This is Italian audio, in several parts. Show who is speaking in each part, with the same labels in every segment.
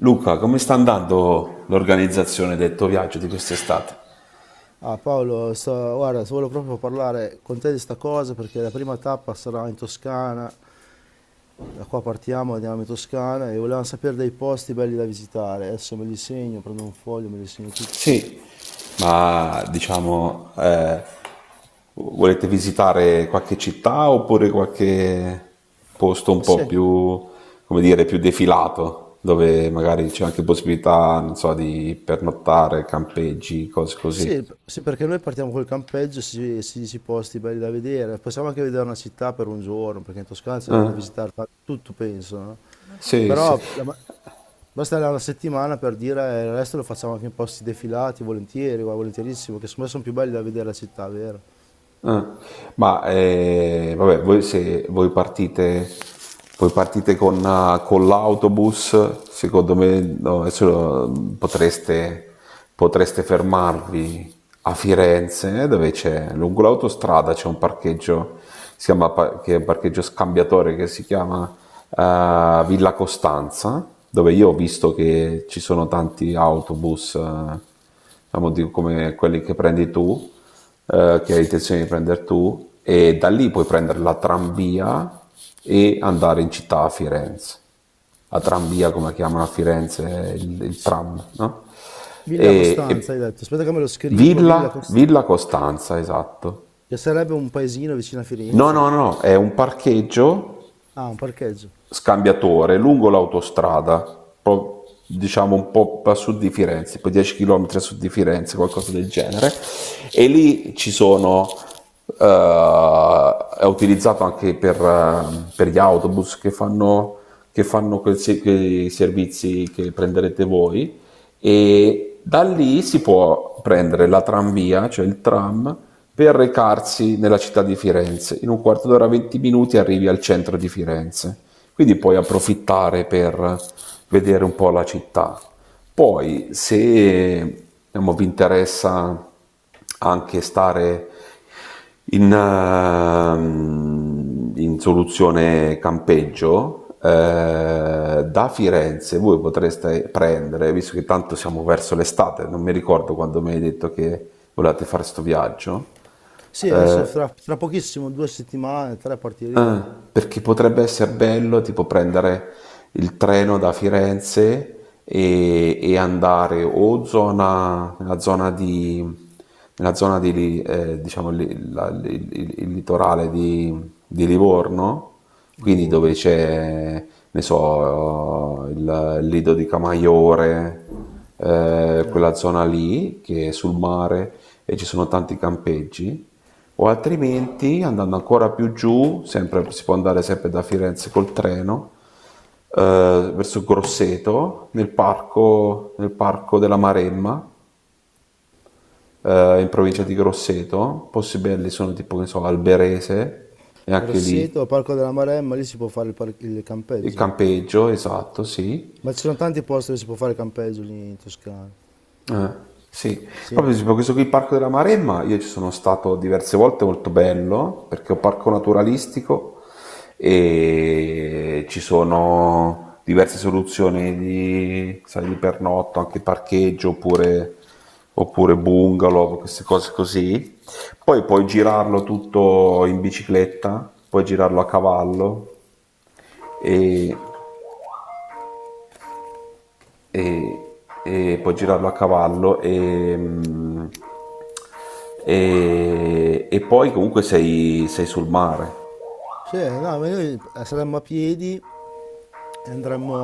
Speaker 1: Luca, come sta andando l'organizzazione del tuo viaggio di quest'estate?
Speaker 2: Ah Paolo, guarda, volevo proprio parlare con te di sta cosa perché la prima tappa sarà in Toscana, da qua partiamo, andiamo in Toscana e volevamo sapere dei posti belli da visitare, adesso me li segno, prendo un foglio, me li segno tutti.
Speaker 1: Sì. Ma diciamo, volete visitare qualche città oppure qualche posto un
Speaker 2: Ma
Speaker 1: po'
Speaker 2: sì,
Speaker 1: più, come dire, più defilato, dove magari c'è anche possibilità, non so, di pernottare, campeggi, cose
Speaker 2: sì,
Speaker 1: così.
Speaker 2: sì, perché noi partiamo col campeggio, si dice i posti belli da vedere, possiamo anche vedere una città per un giorno, perché in Toscana c'è da
Speaker 1: Eh,
Speaker 2: visitare tutto penso, no?
Speaker 1: sì, sì.
Speaker 2: Però basta là una settimana per dire il resto lo facciamo anche in posti defilati, volentieri, guarda, volentierissimo, che secondo me sono più belli da vedere la città, vero?
Speaker 1: Ah, ma vabbè, voi, se voi partite con l'autobus, secondo me no, adesso potreste fermarvi a Firenze, dove c'è, lungo l'autostrada c'è un parcheggio, che è un parcheggio scambiatore che si chiama Villa Costanza, dove io ho visto che ci sono tanti autobus. Diciamo, come quelli che prendi tu, che hai intenzione di prendere tu, e da lì puoi prendere la tranvia e andare in città a Firenze. La tranvia, come la chiamano a Firenze, il
Speaker 2: S-
Speaker 1: tram, no?
Speaker 2: Villa
Speaker 1: E,
Speaker 2: Costanza, hai
Speaker 1: e
Speaker 2: detto. Aspetta che me lo scrivo, Villa
Speaker 1: Villa,
Speaker 2: Costanza,
Speaker 1: Villa Costanza, esatto.
Speaker 2: che sarebbe un paesino vicino a
Speaker 1: No,
Speaker 2: Firenze.
Speaker 1: no, no, è un parcheggio
Speaker 2: Ah, un parcheggio.
Speaker 1: scambiatore lungo l'autostrada, pro- diciamo un po' a sud di Firenze, poi 10 km a sud di Firenze, qualcosa del genere, e lì ci sono, è utilizzato anche per gli autobus che fanno, quel quei servizi che prenderete voi, e da lì si può prendere la tranvia, cioè il tram, per recarsi nella città di Firenze. In un quarto d'ora, 20 minuti arrivi al centro di Firenze. Quindi puoi approfittare per vedere un po' la città. Poi se diciamo, vi interessa anche stare in soluzione campeggio, da Firenze voi potreste prendere, visto che tanto siamo verso l'estate, non mi ricordo quando mi hai detto che volevate fare questo viaggio.
Speaker 2: Sì, adesso
Speaker 1: eh,
Speaker 2: tra pochissimo, 2 settimane, 3
Speaker 1: Ah,
Speaker 2: partiremo.
Speaker 1: perché potrebbe essere bello tipo prendere il treno da Firenze e andare nella zona di, diciamo, il litorale di Livorno, quindi dove
Speaker 2: Livorno, sì.
Speaker 1: c'è, ne so, il Lido di Camaiore,
Speaker 2: Eh,
Speaker 1: quella zona lì che è sul mare e ci sono tanti campeggi o altrimenti, andando ancora più giù, si può andare sempre da Firenze col treno, verso Grosseto, nel parco della Maremma, in provincia
Speaker 2: eh.
Speaker 1: di Grosseto. Posti belli sono tipo, che ne so, Alberese, e anche lì
Speaker 2: Grosseto, Parco della Maremma, lì si può fare il
Speaker 1: il
Speaker 2: campeggio.
Speaker 1: campeggio, esatto, sì.
Speaker 2: Ma ci sono tanti posti dove si può fare il campeggio lì in Toscana.
Speaker 1: Eh, sì,
Speaker 2: Sì.
Speaker 1: proprio tipo questo qui, il Parco della Maremma, io ci sono stato diverse volte, molto bello, perché è un parco naturalistico e ci sono diverse soluzioni di, sai, di pernotto, anche parcheggio oppure, oppure bungalow, queste cose così. Poi puoi girarlo tutto in bicicletta, puoi girarlo a cavallo e e, e puoi girarlo a cavallo e poi comunque sei sul mare.
Speaker 2: Sì, no, ma noi saremmo a piedi e andremmo,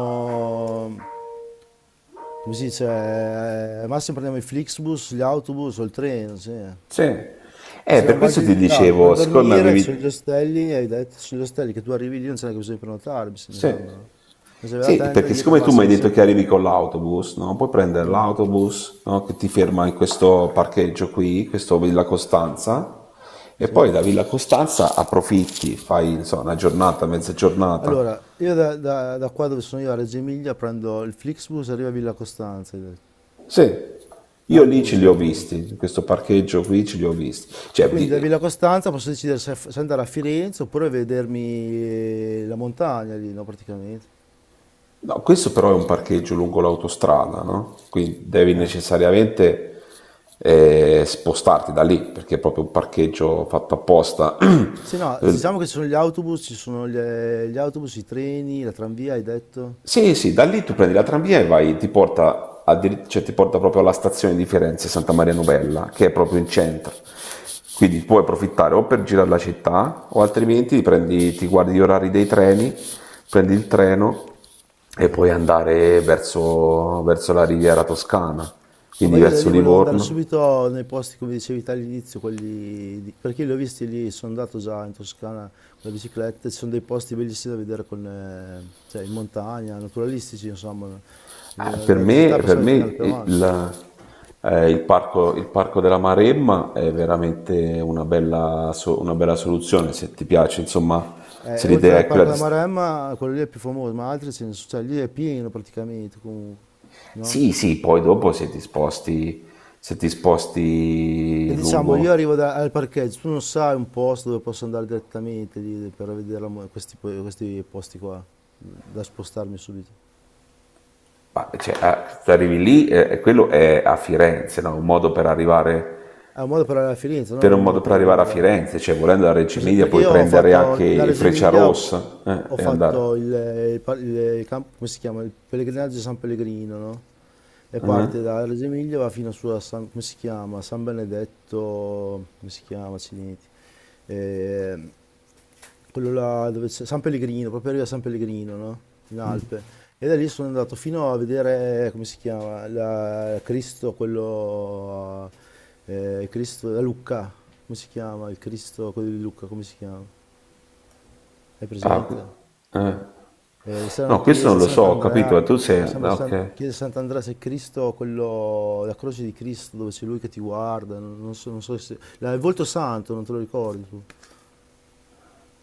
Speaker 2: come si dice, al massimo prendiamo i Flixbus, gli autobus o il treno, sì. Perché
Speaker 1: Sì,
Speaker 2: siamo
Speaker 1: per
Speaker 2: a
Speaker 1: questo
Speaker 2: base
Speaker 1: ti
Speaker 2: limitate. Per
Speaker 1: dicevo, siccome
Speaker 2: dormire c'è gli
Speaker 1: avevi.
Speaker 2: ostelli, hai detto, sugli ostelli che tu arrivi lì non c'è neanche bisogno di prenotare, mi
Speaker 1: Sì.
Speaker 2: sembra. No? Ma se avete la
Speaker 1: Sì,
Speaker 2: tenda
Speaker 1: perché
Speaker 2: dietro al
Speaker 1: siccome tu mi hai
Speaker 2: massimo
Speaker 1: detto
Speaker 2: sei
Speaker 1: che
Speaker 2: pieni.
Speaker 1: arrivi con l'autobus, no? Puoi prendere
Speaker 2: Mm,
Speaker 1: l'autobus, no? Che ti ferma in questo parcheggio qui, questo Villa Costanza, e
Speaker 2: sì.
Speaker 1: poi da Villa Costanza approfitti, fai, non so, una giornata, mezza giornata.
Speaker 2: Allora, io da qua dove sono io a Reggio Emilia prendo il Flixbus e arrivo a Villa Costanza, hai detto.
Speaker 1: Sì. Io lì ce
Speaker 2: L'autobus
Speaker 1: li
Speaker 2: arriva
Speaker 1: ho
Speaker 2: a Villa
Speaker 1: visti,
Speaker 2: Costanza.
Speaker 1: in questo parcheggio qui ce li ho visti.
Speaker 2: E
Speaker 1: Cioè,
Speaker 2: quindi da Villa Costanza posso decidere se andare a Firenze oppure vedermi la montagna lì, no, praticamente.
Speaker 1: no, questo però è un parcheggio lungo l'autostrada, no? Quindi devi
Speaker 2: Ah.
Speaker 1: necessariamente spostarti da lì, perché è proprio un parcheggio fatto apposta.
Speaker 2: Sì, no, diciamo che
Speaker 1: Eh,
Speaker 2: ci sono gli autobus, gli autobus, i treni, la tranvia, hai detto?
Speaker 1: sì, sì, da lì tu prendi la tranvia e vai, ti porta, cioè, ti porta proprio alla stazione di Firenze, Santa Maria Novella, che è proprio in centro. Quindi puoi approfittare o per girare la città o altrimenti ti, prendi, ti guardi gli orari dei treni, prendi il treno e puoi andare verso la riviera toscana,
Speaker 2: No,
Speaker 1: quindi
Speaker 2: ma io da
Speaker 1: verso
Speaker 2: lì volevo andare
Speaker 1: Livorno.
Speaker 2: subito nei posti, come dicevi te all'inizio, perché li ho visti lì, sono andato già in Toscana con la bicicletta, ci sono dei posti bellissimi da vedere con, cioè, in montagna, naturalistici, insomma,
Speaker 1: Per
Speaker 2: la città
Speaker 1: me, per
Speaker 2: passava di
Speaker 1: me
Speaker 2: tenere al Peron.
Speaker 1: il parco della Maremma è veramente una bella soluzione se ti piace, insomma, se l'idea
Speaker 2: Oltre al
Speaker 1: è quella
Speaker 2: Parco
Speaker 1: di.
Speaker 2: della Maremma, quello lì è più famoso, ma altri ce ne sono, cioè lì è pieno praticamente, comunque, no?
Speaker 1: Sì, sì, poi dopo se ti sposti, se ti sposti
Speaker 2: E diciamo, io
Speaker 1: lungo,
Speaker 2: al parcheggio, tu non sai un posto dove posso andare direttamente lì per vedere la mo- questi, po- questi posti qua, da spostarmi subito.
Speaker 1: ma, cioè, se arrivi lì, e quello è a Firenze, no? Un modo per arrivare,
Speaker 2: È un modo per arrivare a Firenze, non
Speaker 1: per
Speaker 2: è
Speaker 1: un
Speaker 2: un
Speaker 1: modo
Speaker 2: modo
Speaker 1: per
Speaker 2: per
Speaker 1: arrivare a
Speaker 2: arrivare...
Speaker 1: Firenze, cioè volendo da Reggio
Speaker 2: Per esempio.
Speaker 1: Emilia
Speaker 2: Perché
Speaker 1: puoi
Speaker 2: io ho
Speaker 1: prendere
Speaker 2: fatto, da
Speaker 1: anche
Speaker 2: Reggio Emilia
Speaker 1: Frecciarossa,
Speaker 2: ho
Speaker 1: e andare.
Speaker 2: fatto il, come si chiama? Il pellegrinaggio di San Pellegrino, no? E parte da Reggio Emilia va fino su a San, come si chiama? San Benedetto, come si chiama? Accidenti. Eh, Quello là dove c'è San Pellegrino, proprio arriva a San Pellegrino, no? In Alpe. E da lì sono andato fino a vedere, come si chiama, Cristo, quello, Cristo da Lucca, come si chiama? Il Cristo, quello di Lucca, come si chiama? Hai
Speaker 1: Ah.
Speaker 2: presente? C'era una
Speaker 1: No, questo non
Speaker 2: chiesa,
Speaker 1: lo so, ho capito,
Speaker 2: Sant'Andrea,
Speaker 1: ma tu
Speaker 2: mi
Speaker 1: sei. No,
Speaker 2: sembra San,
Speaker 1: ok.
Speaker 2: chiesa Sant'Andrea, se Cristo, quello, la croce di Cristo, dove c'è lui che ti guarda, non so, se... il volto santo, non te lo ricordi tu?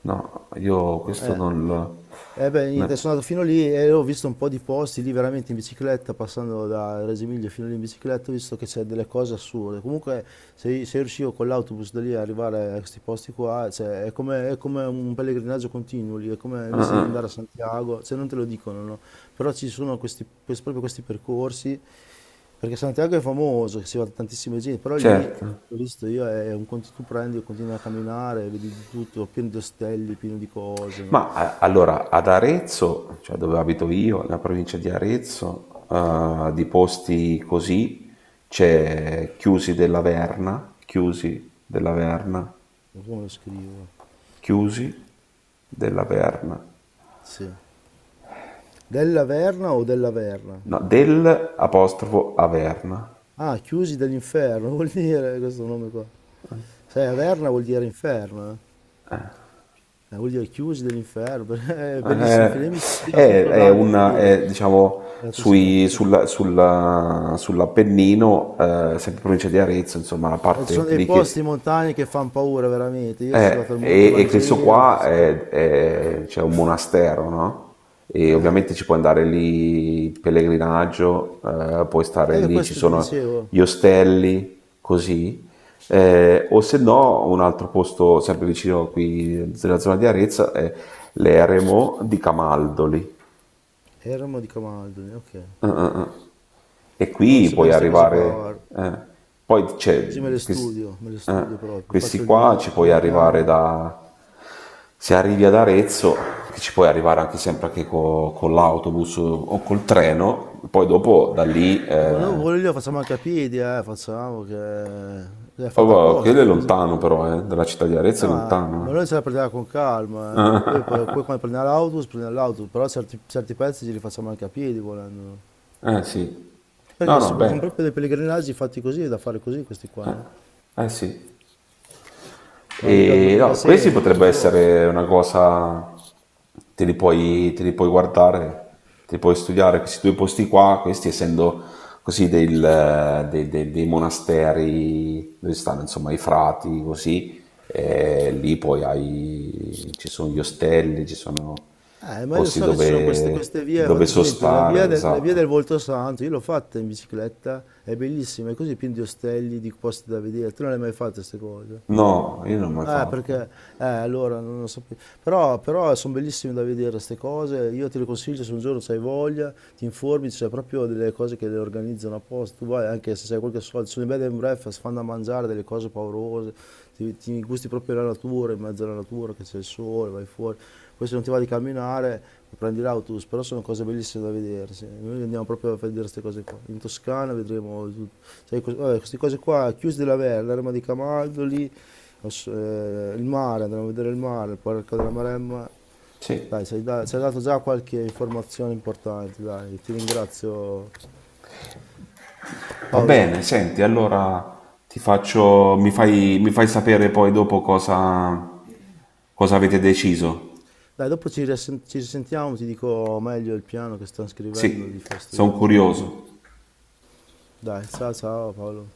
Speaker 1: No, io
Speaker 2: No,
Speaker 1: questo
Speaker 2: eh.
Speaker 1: non lo.
Speaker 2: Eh beh, niente,
Speaker 1: ne-
Speaker 2: sono andato fino lì e ho visto un po' di posti lì veramente in bicicletta, passando da Reggio Emilia fino lì in bicicletta, ho visto che c'è delle cose assurde. Comunque, se riuscivo con l'autobus da lì a arrivare a questi posti qua, cioè, è come un pellegrinaggio continuo lì, è come invece di andare a Santiago, cioè non te lo dicono, no? Però ci sono proprio questi percorsi, perché Santiago è famoso, che si va tantissima gente, però lì,
Speaker 1: Certo.
Speaker 2: l'ho visto io, è un conti tu prendi, continui a camminare, vedi di tutto, pieno di ostelli, pieno di cose, no?
Speaker 1: Allora, ad Arezzo, cioè dove abito io, nella provincia di Arezzo, di posti così, c'è Chiusi della Verna, Chiusi della Verna,
Speaker 2: Come lo scrivo?
Speaker 1: Chiusi della Verna,
Speaker 2: Sì. Della Verna o della Verna?
Speaker 1: no, del apostrofo Averna.
Speaker 2: Ah, chiusi dell'inferno, vuol dire questo nome qua. Sai, Averna vuol dire inferno, eh? Vuol dire chiusi dell'inferno, perché è bellissimo
Speaker 1: Eh,
Speaker 2: film. Mi sono
Speaker 1: è,
Speaker 2: studiato tutto
Speaker 1: è
Speaker 2: Dante
Speaker 1: una,
Speaker 2: ieri,
Speaker 1: è, diciamo,
Speaker 2: della Toscana.
Speaker 1: sull'Appennino, sempre provincia di Arezzo, insomma, la
Speaker 2: Ci sono
Speaker 1: parte
Speaker 2: dei
Speaker 1: lì che.
Speaker 2: posti in montagna che fanno paura, veramente. Io sono
Speaker 1: Eh,
Speaker 2: andato al Monte
Speaker 1: e, e questo
Speaker 2: Vangelo, tutte
Speaker 1: qua
Speaker 2: queste cose.
Speaker 1: c'è un monastero, no? E
Speaker 2: Ah,
Speaker 1: ovviamente ci puoi andare lì in pellegrinaggio, puoi stare
Speaker 2: io
Speaker 1: lì, ci
Speaker 2: questo ti
Speaker 1: sono
Speaker 2: dicevo.
Speaker 1: gli ostelli, così. O se no, un altro posto sempre vicino qui nella zona di Arezzo è l'eremo di Camaldoli.
Speaker 2: Eremo di Camaldoli, ok.
Speaker 1: Ah, ah, ah. E
Speaker 2: Voglio
Speaker 1: qui
Speaker 2: sapere
Speaker 1: puoi
Speaker 2: queste cose qua,
Speaker 1: arrivare.
Speaker 2: guarda.
Speaker 1: Poi
Speaker 2: Così
Speaker 1: c'è, quest-
Speaker 2: me le
Speaker 1: eh,
Speaker 2: studio proprio.
Speaker 1: Questi
Speaker 2: Faccio
Speaker 1: qua ci
Speaker 2: il
Speaker 1: puoi
Speaker 2: mio
Speaker 1: arrivare
Speaker 2: piano.
Speaker 1: da, se arrivi ad Arezzo, che ci puoi arrivare anche sempre anche con l'autobus o col treno, poi dopo da lì.
Speaker 2: Dopo noi pure lì lo facciamo anche a piedi, facciamo che l'hai
Speaker 1: Oh,
Speaker 2: fatta
Speaker 1: wow,
Speaker 2: apposta.
Speaker 1: quello è lontano però, dalla città di Arezzo è
Speaker 2: Ma noi
Speaker 1: lontano.
Speaker 2: ce la prendiamo con calma, eh. Poi quando prendiamo l'autobus, però certi pezzi ce li facciamo anche a piedi volendo.
Speaker 1: Sì, no
Speaker 2: Perché
Speaker 1: no,
Speaker 2: sono
Speaker 1: bello,
Speaker 2: proprio dei pellegrinaggi fatti così, da fare così questi qua,
Speaker 1: eh,
Speaker 2: no?
Speaker 1: eh sì.
Speaker 2: Ma mica, due,
Speaker 1: E
Speaker 2: mica
Speaker 1: no, questi
Speaker 2: sempre, due o tre
Speaker 1: potrebbe
Speaker 2: giorni.
Speaker 1: essere una cosa, te li puoi guardare, te li puoi studiare, questi due posti qua, questi essendo così dei monasteri dove stanno insomma i frati, così, e lì poi hai, ci sono gli ostelli, ci sono i
Speaker 2: Ma io
Speaker 1: posti
Speaker 2: so che ci sono
Speaker 1: dove,
Speaker 2: queste vie,
Speaker 1: dove
Speaker 2: per esempio
Speaker 1: sostare,
Speaker 2: la via
Speaker 1: esatto.
Speaker 2: del Volto Santo, io l'ho fatta in bicicletta, è bellissima, è così piena di ostelli, di posti da vedere, tu non le hai mai fatte queste cose?
Speaker 1: No, io non l'ho mai fatto.
Speaker 2: Perché allora non lo sapevo. Però sono bellissime da vedere queste cose. Io te le consiglio se un giorno hai voglia, ti informi, c'è proprio delle cose che le organizzano apposta. Tu vai anche se hai qualche soldo, sono i bed and breakfast, fanno da mangiare delle cose paurose, ti gusti proprio la natura, in mezzo alla natura che c'è il sole, vai fuori. Poi se non ti va di camminare, prendi l'autobus, però sono cose bellissime da vedere. Sì. Noi andiamo proprio a vedere queste cose qua. In Toscana vedremo tutto. Cioè, vabbè, queste cose qua, chiusi della Verna, l'erma di Camaldo lì. Il mare, andremo a vedere il mare, il parco della Maremma.
Speaker 1: Sì.
Speaker 2: Dai, ci hai dato già qualche informazione importante, dai, ti ringrazio
Speaker 1: Va
Speaker 2: Paolo.
Speaker 1: bene, senti, allora mi fai sapere poi dopo cosa avete deciso.
Speaker 2: Dai, dopo ci risentiamo, ti dico meglio il piano che sto scrivendo di
Speaker 1: Sì,
Speaker 2: fare sto
Speaker 1: sono
Speaker 2: viaggio.
Speaker 1: curioso.
Speaker 2: Dai, ciao ciao Paolo.